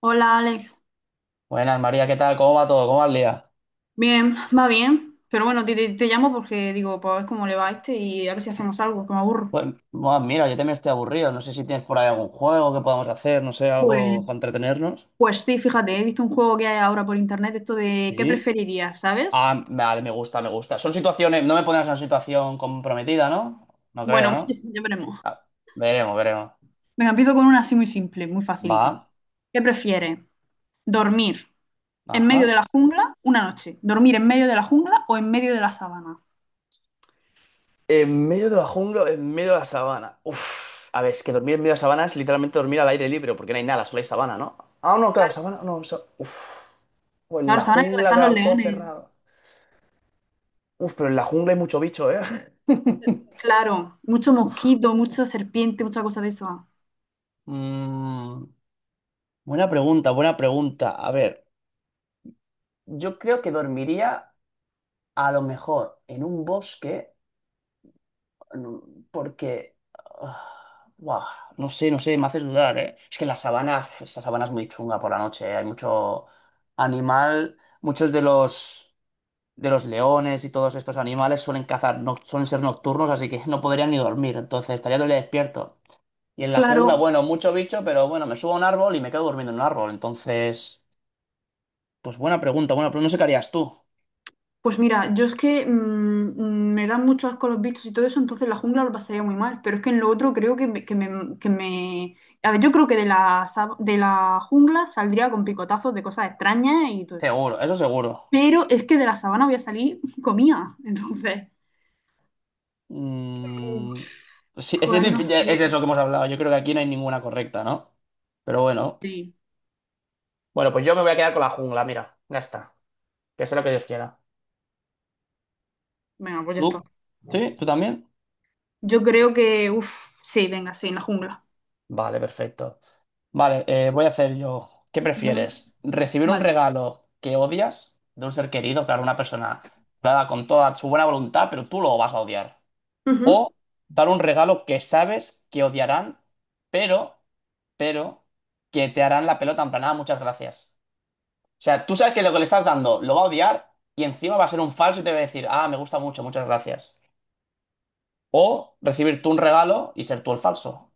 Hola Alex, Buenas, María, ¿qué tal? ¿Cómo va todo? ¿Cómo va el día? bien, va bien, pero bueno, te llamo porque digo, pues a ver cómo le va a este y a ver si hacemos algo, que me aburro. Pues, bueno, mira, yo también estoy aburrido. No sé si tienes por ahí algún juego que podamos hacer, no sé, algo para Pues, entretenernos. pues sí, fíjate, he visto un juego que hay ahora por internet, esto de qué Sí. preferirías, ¿sabes? Ah, vale, me gusta, me gusta. Son situaciones, no me pones en una situación comprometida, ¿no? No creo, Bueno, ¿no? ya veremos. Ah, veremos, veremos. Venga, empiezo con una así muy simple, muy Va, facilica. ¿Qué prefieres? ¿Dormir en medio de ajá. la jungla una noche? ¿Dormir en medio de la jungla o en medio de la sabana? En medio de la jungla, o en medio de la sabana. Uf, a ver, es que dormir en medio de la sabana es literalmente dormir al aire libre, porque no hay nada, solo hay sabana, ¿no? Ah, no, claro, Claro, sabana, no, uf. O en claro, la sabana es donde jungla, están los claro, todo leones. cerrado. Uf, pero en la jungla hay mucho bicho, ¿eh? Claro, mucho mosquito, mucha serpiente, mucha cosa de eso. Mm, Buena pregunta, buena pregunta. A ver, yo creo que dormiría a lo mejor en un bosque porque... ah, buah, no sé, no sé, me haces dudar, ¿eh? Es que en la sabana, esta sabana es muy chunga por la noche, ¿eh? Hay mucho animal, muchos de los leones y todos estos animales suelen cazar, no, suelen ser nocturnos, así que no podrían ni dormir, entonces estaría todo el día despierto. Y en la jungla, Claro. bueno, mucho bicho, pero bueno, me subo a un árbol y me quedo durmiendo en un árbol. Entonces, pues buena pregunta, bueno, pero no sé qué harías tú. Pues mira, yo es que me dan mucho asco los bichos y todo eso, entonces la jungla lo pasaría muy mal. Pero es que en lo otro creo que me, que me- A ver, yo creo que de la jungla saldría con picotazos de cosas extrañas y todo eso. Seguro, eso seguro. Pero es que de la sabana voy a salir comida. Entonces, Mm, sí, es, joder, no es sé. eso que hemos hablado. Yo creo que aquí no hay ninguna correcta, ¿no? Pero bueno. Sí, Bueno, pues yo me voy a quedar con la jungla, mira. Ya está. Que sea lo que Dios quiera. venga, pues ya está. ¿Tú? ¿Sí? ¿Tú también? Yo creo que, uff, sí, venga, sí, en la jungla. Vale, perfecto. Vale, voy a hacer yo. ¿Qué Ujú. prefieres? ¿Recibir un Vale. regalo que odias de un ser querido, claro, una persona claro, con toda su buena voluntad, pero tú lo vas a odiar? Ujú. ¿O dar un regalo que sabes que odiarán, pero, pero, que te harán la pelota en plan, "Ah, muchas gracias"? O sea, tú sabes que lo que le estás dando lo va a odiar y encima va a ser un falso y te va a decir, ah, me gusta mucho, muchas gracias. O recibir tú un regalo y ser tú el falso.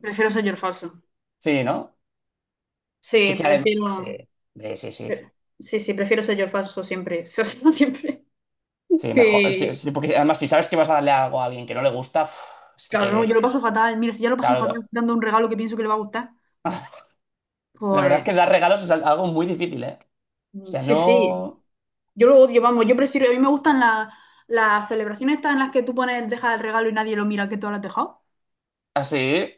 Prefiero ser falso. Sí, ¿no? Sí Sí, que además, sí, prefiero. sí, sí, sí, Pero- sí, sí, prefiero ser yo el falso siempre, ser yo siempre. sí, mejor, sí, Que, sí, porque además si sabes que vas a darle algo a alguien que no le gusta, uf, es que, claro, no, yo lo paso fatal. Mira, si ya lo paso claro, fatal dando un regalo que pienso que le va a gustar, la verdad es pues que dar regalos es algo muy difícil, ¿eh? O sea, sí, sí. no, Yo lo odio, vamos, yo prefiero, a mí me gustan las celebraciones estas en las que tú pones, dejas el regalo y nadie lo mira que tú lo has dejado. así,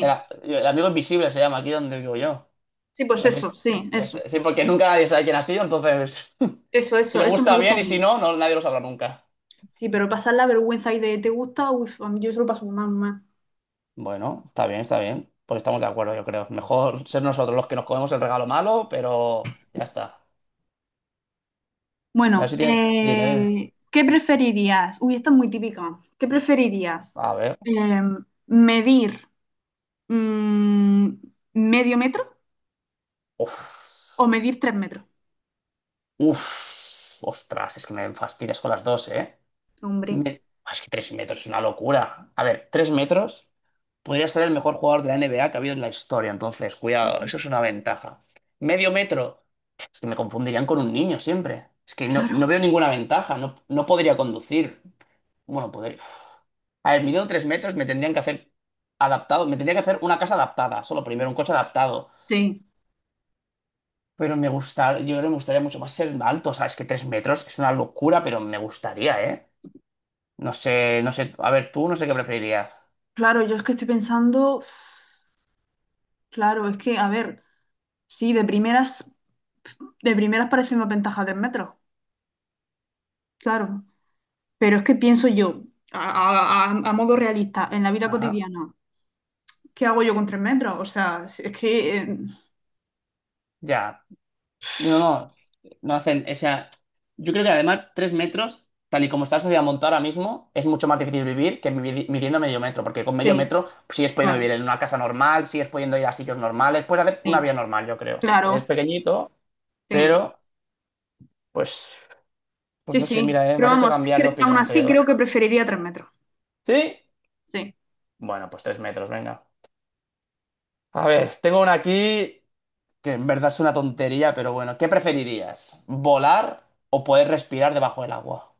el amigo invisible se llama aquí donde vivo yo. sí, pues ¿Lo eso, has sí, eso, sí, porque nunca nadie sabe quién ha sido, entonces, eso, si eso, le eso me gusta gusta a bien y si mí. no, no, nadie lo sabrá nunca. Sí, pero pasar la vergüenza y de te gusta, uff, a mí yo se lo paso mal, mal. Bueno, está bien, pues estamos de acuerdo, yo creo, mejor ser nosotros los que nos comemos el regalo malo, pero ya está. A ver Bueno, si dime, dime, ¿qué preferirías? Uy, esto es muy típico. ¿Qué preferirías? a ver. Eh, ¿Medir mm, medio metro Uf, o medir 3 metros? uf, ostras, es que me fastidias con las dos, ¿eh? Hombre. Ah, es que 3 metros es una locura. A ver, 3 metros podría ser el mejor jugador de la NBA que ha habido en la historia, entonces, cuidado, Mm. eso es una ventaja. Medio metro, es que me confundirían con un niño siempre. Es que no, no Claro, veo ninguna ventaja, no, no podría conducir. Bueno, podría... uf. A ver, midiendo 3 metros me tendrían que hacer adaptado, me tendría que hacer una casa adaptada, solo primero un coche adaptado. sí. Pero me gusta, yo creo que me gustaría mucho más ser alto, o sea, es que 3 metros es una locura, pero me gustaría, ¿eh? No sé, no sé, a ver, tú no sé qué preferirías. Claro, yo es que estoy pensando, uf, claro, es que, a ver, sí, de primeras parece una ventaja 3 metros, claro. Pero es que pienso yo, a modo realista, en la vida Ajá, cotidiana, ¿qué hago yo con 3 metros? O sea, es que ya. No, no, no hacen, o sea, yo creo que además 3 metros, tal y como está la sociedad montada ahora mismo, es mucho más difícil vivir que midiendo medio metro, porque con medio sí, metro pues, sigues pudiendo claro, vivir en una casa normal, sigues pudiendo ir a sitios normales, puedes hacer una sí, vida normal, yo creo. Es claro, pequeñito, sí, pero, pues, pues sí, no sé, sí. mira, me Pero has hecho vamos, cambiar de aún opinión, así creo, ¿eh? creo que preferiría 3 metros. ¿Sí? Sí, Bueno, pues 3 metros, venga. A ver, tengo una aquí que en verdad es una tontería, pero bueno, ¿qué preferirías? ¿Volar o poder respirar debajo del agua?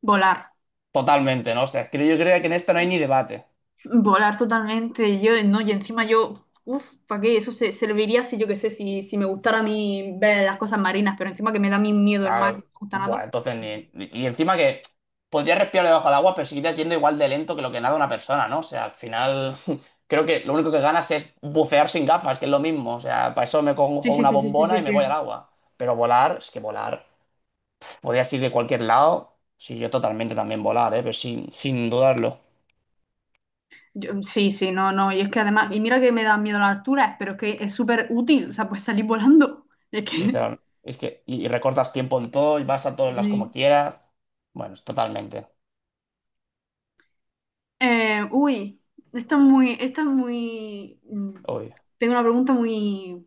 volar, Totalmente, ¿no? O sea, creo, yo creo que en esta no hay ni debate. volar totalmente. Yo, no, y encima yo, uff, ¿para qué? Eso se serviría si yo qué sé, si me gustara a mí ver las cosas marinas, pero encima que me da mi miedo el mar, no Claro, me gusta bueno, nada. entonces ni... Y encima que podrías respirar debajo del agua, pero seguirías yendo igual de lento que lo que nada una persona, ¿no? O sea, al final creo que lo único que ganas es bucear sin gafas, que es lo mismo. O sea, para eso me Sí, cojo sí, una sí, sí, sí, sí, bombona y me voy al sí. agua. Pero volar, es que volar... Podrías ir de cualquier lado. Sí, yo totalmente también volar, ¿eh? Pero sin dudarlo. Sí, sí, no, no. Y es que además, y mira que me dan miedo las alturas, pero es que es súper útil, o sea, pues salir volando. Es que Literal. Es que, y recortas tiempo en todo y vas a todos lados como sí. quieras. Bueno, es totalmente. Uy, esta es muy, esta es muy. Uy. Tengo una pregunta muy.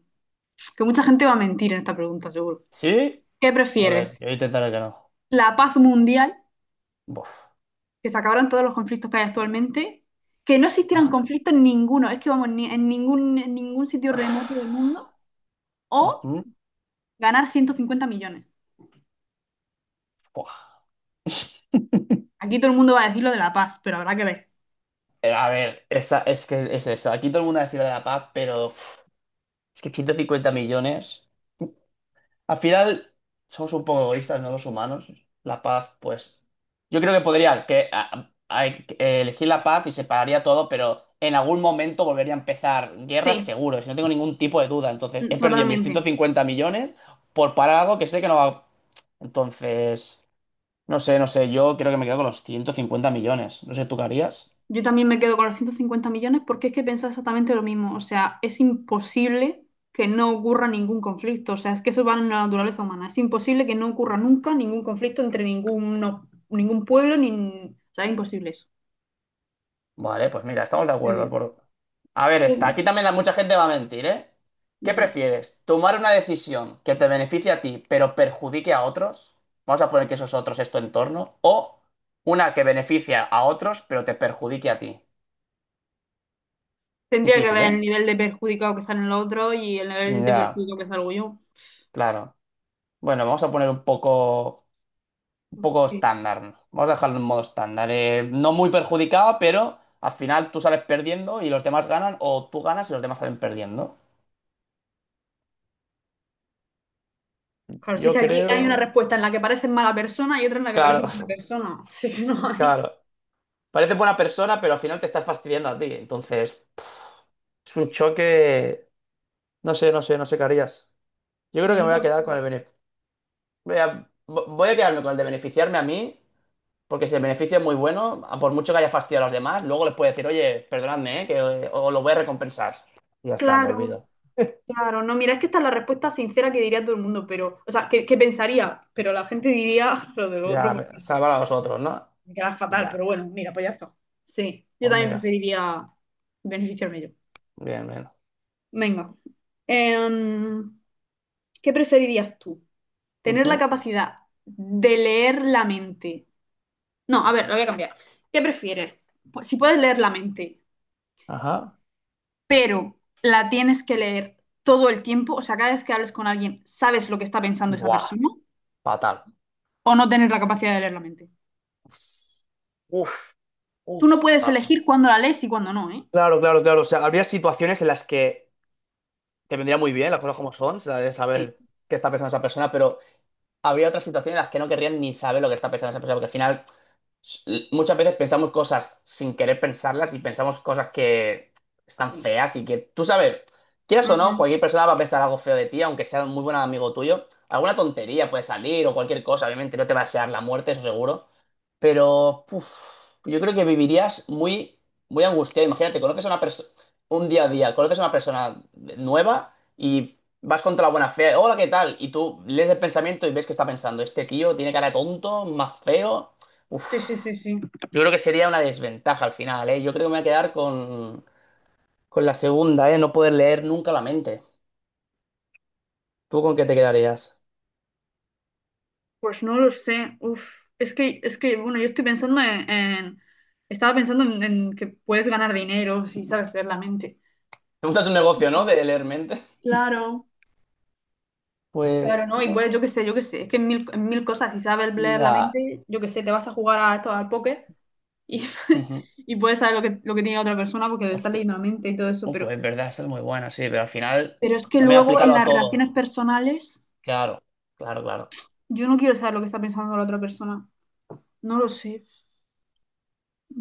Que mucha gente va a mentir en esta pregunta, seguro. ¿Sí? ¿Qué A ver, prefieres? yo intentaré que no. ¿La paz mundial, Buf. que se acabaran todos los conflictos que hay actualmente? ¿Que no existieran Ajá. conflictos ninguno? Es que vamos, ni, en ningún sitio remoto del mundo. ¿O Ujú. ganar 150 millones? Buah. Aquí todo el mundo va a decir lo de la paz, pero habrá que ver. A ver, esa, es que es eso. Aquí todo el mundo decir lo de la paz, pero uf, es que 150 millones. Al final, somos un poco egoístas, ¿no? Los humanos. La paz, pues. Yo creo que podría que, elegir la paz y separaría todo, pero en algún momento volvería a empezar guerras Sí, seguro, si no tengo ningún tipo de duda. Entonces, he perdido mis ciento totalmente. cincuenta millones por parar algo que sé que no va. Entonces, no sé, no sé. Yo creo que me quedo con los 150 millones. No sé, ¿tú qué harías? Yo también me quedo con los 150 millones porque es que he pensado exactamente lo mismo. O sea, es imposible que no ocurra ningún conflicto. O sea, es que eso va en la naturaleza humana. Es imposible que no ocurra nunca ningún conflicto entre ninguno, ningún pueblo, ni... O sea, es imposible eso, Vale, pues mira, estamos de creo acuerdo. yo. por- A ver, está. Sí. Aquí también mucha gente va a mentir, ¿eh? ¿Qué Venga. prefieres? ¿Tomar una decisión que te beneficie a ti, pero perjudique a otros? Vamos a poner que esos otros es tu entorno. ¿O una que beneficia a otros, pero te perjudique a ti? Tendría que Difícil, ver el ¿eh? nivel de perjudicado que salen los otros y el nivel de Ya, perjudicado que salgo yo. claro. Bueno, vamos a poner un poco Porque, estándar, ¿no? Vamos a dejarlo en modo estándar. No muy perjudicado, pero al final tú sales perdiendo y los demás ganan, o tú ganas y los demás salen perdiendo. claro, si es Yo que aquí hay una creo. respuesta en la que pareces mala persona y otra en la que pareces buena Claro, persona. Así que no hay. claro. Parece buena persona, pero al final te estás fastidiando a ti. Entonces, es un choque. No sé, no sé, no sé qué harías. Yo creo que me Y voy a yo- quedar con el beneficio. Voy a quedarme con el de beneficiarme a mí, porque si el beneficio es muy bueno, a por mucho que haya fastidiado a los demás, luego les puedo decir, oye, perdonadme, ¿eh? Que os lo voy a recompensar. Y ya está, me Claro. olvido. Claro, no, mira, es que esta es la respuesta sincera que diría todo el mundo, pero, o sea, que pensaría, pero la gente diría lo del otro Ya, porque salvar a los otros, ¿no? me queda fatal, Ya, pero bueno, mira, pues ya está. Sí, yo pues también mira. preferiría beneficiarme yo. Bien, bien. Venga. Em, ¿Qué preferirías tú? ¿Tener la Ujú, capacidad de leer la mente? No, a ver, lo voy a cambiar. ¿Qué prefieres? Pues si puedes leer la mente, ajá. pero la tienes que leer todo el tiempo, o sea, cada vez que hables con alguien, sabes lo que está pensando esa Buah, persona. fatal. O no tener la capacidad de leer la mente. Uf, Tú uf. no puedes elegir cuándo la lees y cuándo no, ¿eh? Claro, claro, claro. O sea, habría situaciones en las que te vendría muy bien las cosas como son, ¿sabes? Sí, Saber qué está pensando esa persona, pero habría otras situaciones en las que no querrían ni saber lo que está pensando esa persona, porque al final s- muchas veces pensamos cosas sin querer pensarlas y pensamos cosas que están sí. feas y que tú sabes, quieras o no, Ujú. cualquier persona va a pensar algo feo de ti, aunque sea un muy buen amigo tuyo. Alguna tontería puede salir o cualquier cosa, obviamente no te va a desear la muerte, eso seguro. Pero puf, yo creo que vivirías muy, muy angustiado. Imagínate, conoces a una persona, un día a día, conoces a una persona nueva y vas contra la buena fe. Hola, ¿qué tal? Y tú lees el pensamiento y ves que está pensando, este tío tiene cara de tonto, más feo. Uf. Sí, sí, sí, sí. Yo creo que sería una desventaja al final, ¿eh? Yo creo que me voy a quedar con la segunda, ¿eh? No poder leer nunca la mente. ¿Tú con qué te quedarías? Pues no lo sé. Uf. Es que, bueno, yo estoy pensando estaba pensando en que puedes ganar dinero si sabes leer la mente. Te montas un negocio, ¿no? De leer mente. Claro. Pues, Claro, ¿no? Y no, puedes, yo qué sé, yo qué sé. Es que en mil cosas, si sabes leer la ya. mente, yo qué sé, te vas a jugar a esto, al póker y, Ujú. y puedes saber lo que tiene la otra persona porque le estás Hostia. leyendo la mente y todo eso. Oh, Pero, pues es verdad, esa es muy buena, sí, pero al final pero es que también luego en aplícalo a las todo. relaciones personales. Claro, claro, claro. Yo no quiero saber lo que está pensando la otra persona. No lo sé.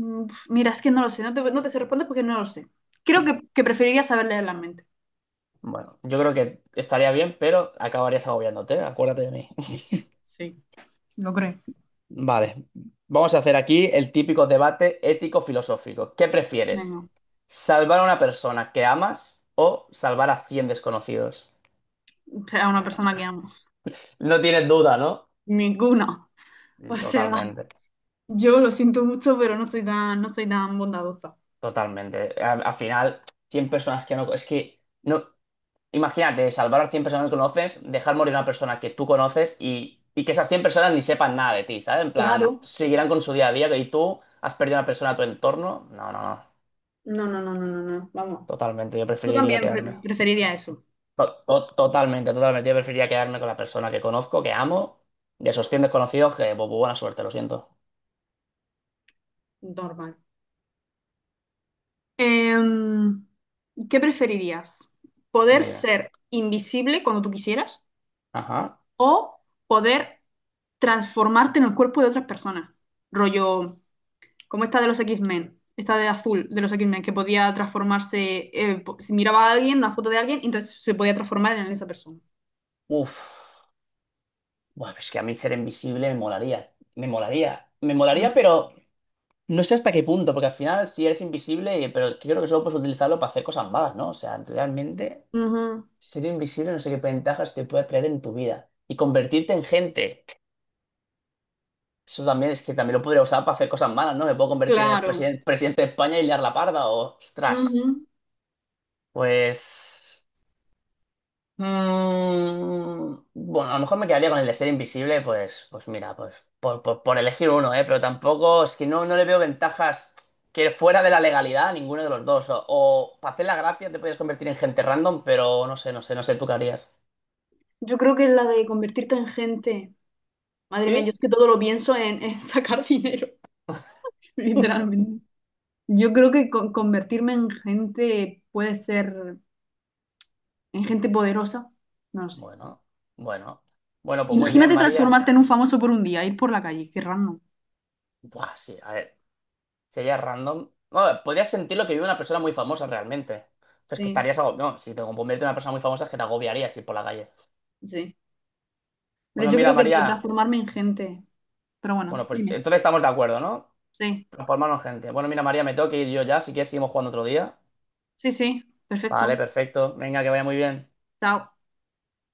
Mira, es que no lo sé. No te sé responder porque no lo sé. Creo que preferiría saber leer la mente. Bueno, yo creo que estaría bien, pero acabarías agobiándote, acuérdate de mí. Sí, lo creo. Vale, vamos a hacer aquí el típico debate ético-filosófico. ¿Qué prefieres? Venga, ¿Salvar a una persona que amas o salvar a 100 desconocidos? a una persona que amo. No tienes duda, ¿no? Ninguna. O sea, Totalmente, yo lo siento mucho, pero no soy tan bondadosa. totalmente. Al final, 100 personas que no... Es que, no, imagínate, salvar a 100 personas que conoces, dejar morir a una persona que tú conoces y que esas 100 personas ni sepan nada de ti, ¿sabes? En plan, Claro. seguirán con su día a día y tú has perdido a una persona de tu entorno. No, no, no. No, no, no, no, no, no. Vamos. Totalmente, yo Tú preferiría también quedarme. preferirías eso. Totalmente, totalmente. Yo preferiría quedarme con la persona que conozco, que amo, de esos 100 desconocidos que, pues, buena suerte, lo siento. Normal. Em, ¿Qué preferirías? ¿Poder Dime. ser invisible cuando tú quisieras Ajá. o poder transformarte en el cuerpo de otra persona? Rollo, como esta de los X-Men, esta de azul de los X-Men, que podía transformarse, si miraba a alguien, una foto de alguien, entonces se podía transformar en esa persona. Uf. Buah, es que a mí ser invisible me molaría. Me molaría. Me Mm. molaría, pero no sé hasta qué punto, porque al final si eres invisible, pero es que creo que solo puedes utilizarlo para hacer cosas malas, ¿no? O sea, realmente Ujú. ser invisible no sé qué ventajas te puede traer en tu vida. Y convertirte en gente. Eso también es que también lo podría usar para hacer cosas malas, ¿no? Me puedo convertir en el Claro. presidente de España y liar la parda, o... Ostras. Ujú. Pues... mm, bueno, a lo mejor me quedaría con el de ser invisible, pues mira, pues por elegir uno, ¿eh? Pero tampoco es que no le veo ventajas que fuera de la legalidad a ninguno de los dos. O para hacer la gracia te puedes convertir en gente random, pero no sé, no sé, no sé, ¿tú qué harías? Yo creo que es la de convertirte en gente. Madre mía, yo es ¿Sí? que todo lo pienso en sacar dinero, literalmente. Yo creo que convertirme en gente puede ser, en gente poderosa, no lo sé. Bueno, bueno. Bueno, pues muy bien, Imagínate María. transformarte en un famoso por un día, ir por la calle, qué random. Buah, sí, a ver, sería random. Bueno, podrías sentir lo que vive una persona muy famosa realmente. Pues que Sí, estarías agobiado. No, si te conviertes en una persona muy famosa es que te agobiarías ir por la calle. sí. Pero Bueno, yo mira, creo que debo María. transformarme en gente. Pero Bueno, bueno, pues dime. entonces estamos de acuerdo, ¿no? Sí, Transformarnos en gente. Bueno, mira, María, me tengo que ir yo ya. Si quieres, seguimos jugando otro día. sí, sí. Vale, Perfecto. perfecto. Venga, que vaya muy bien. Chao.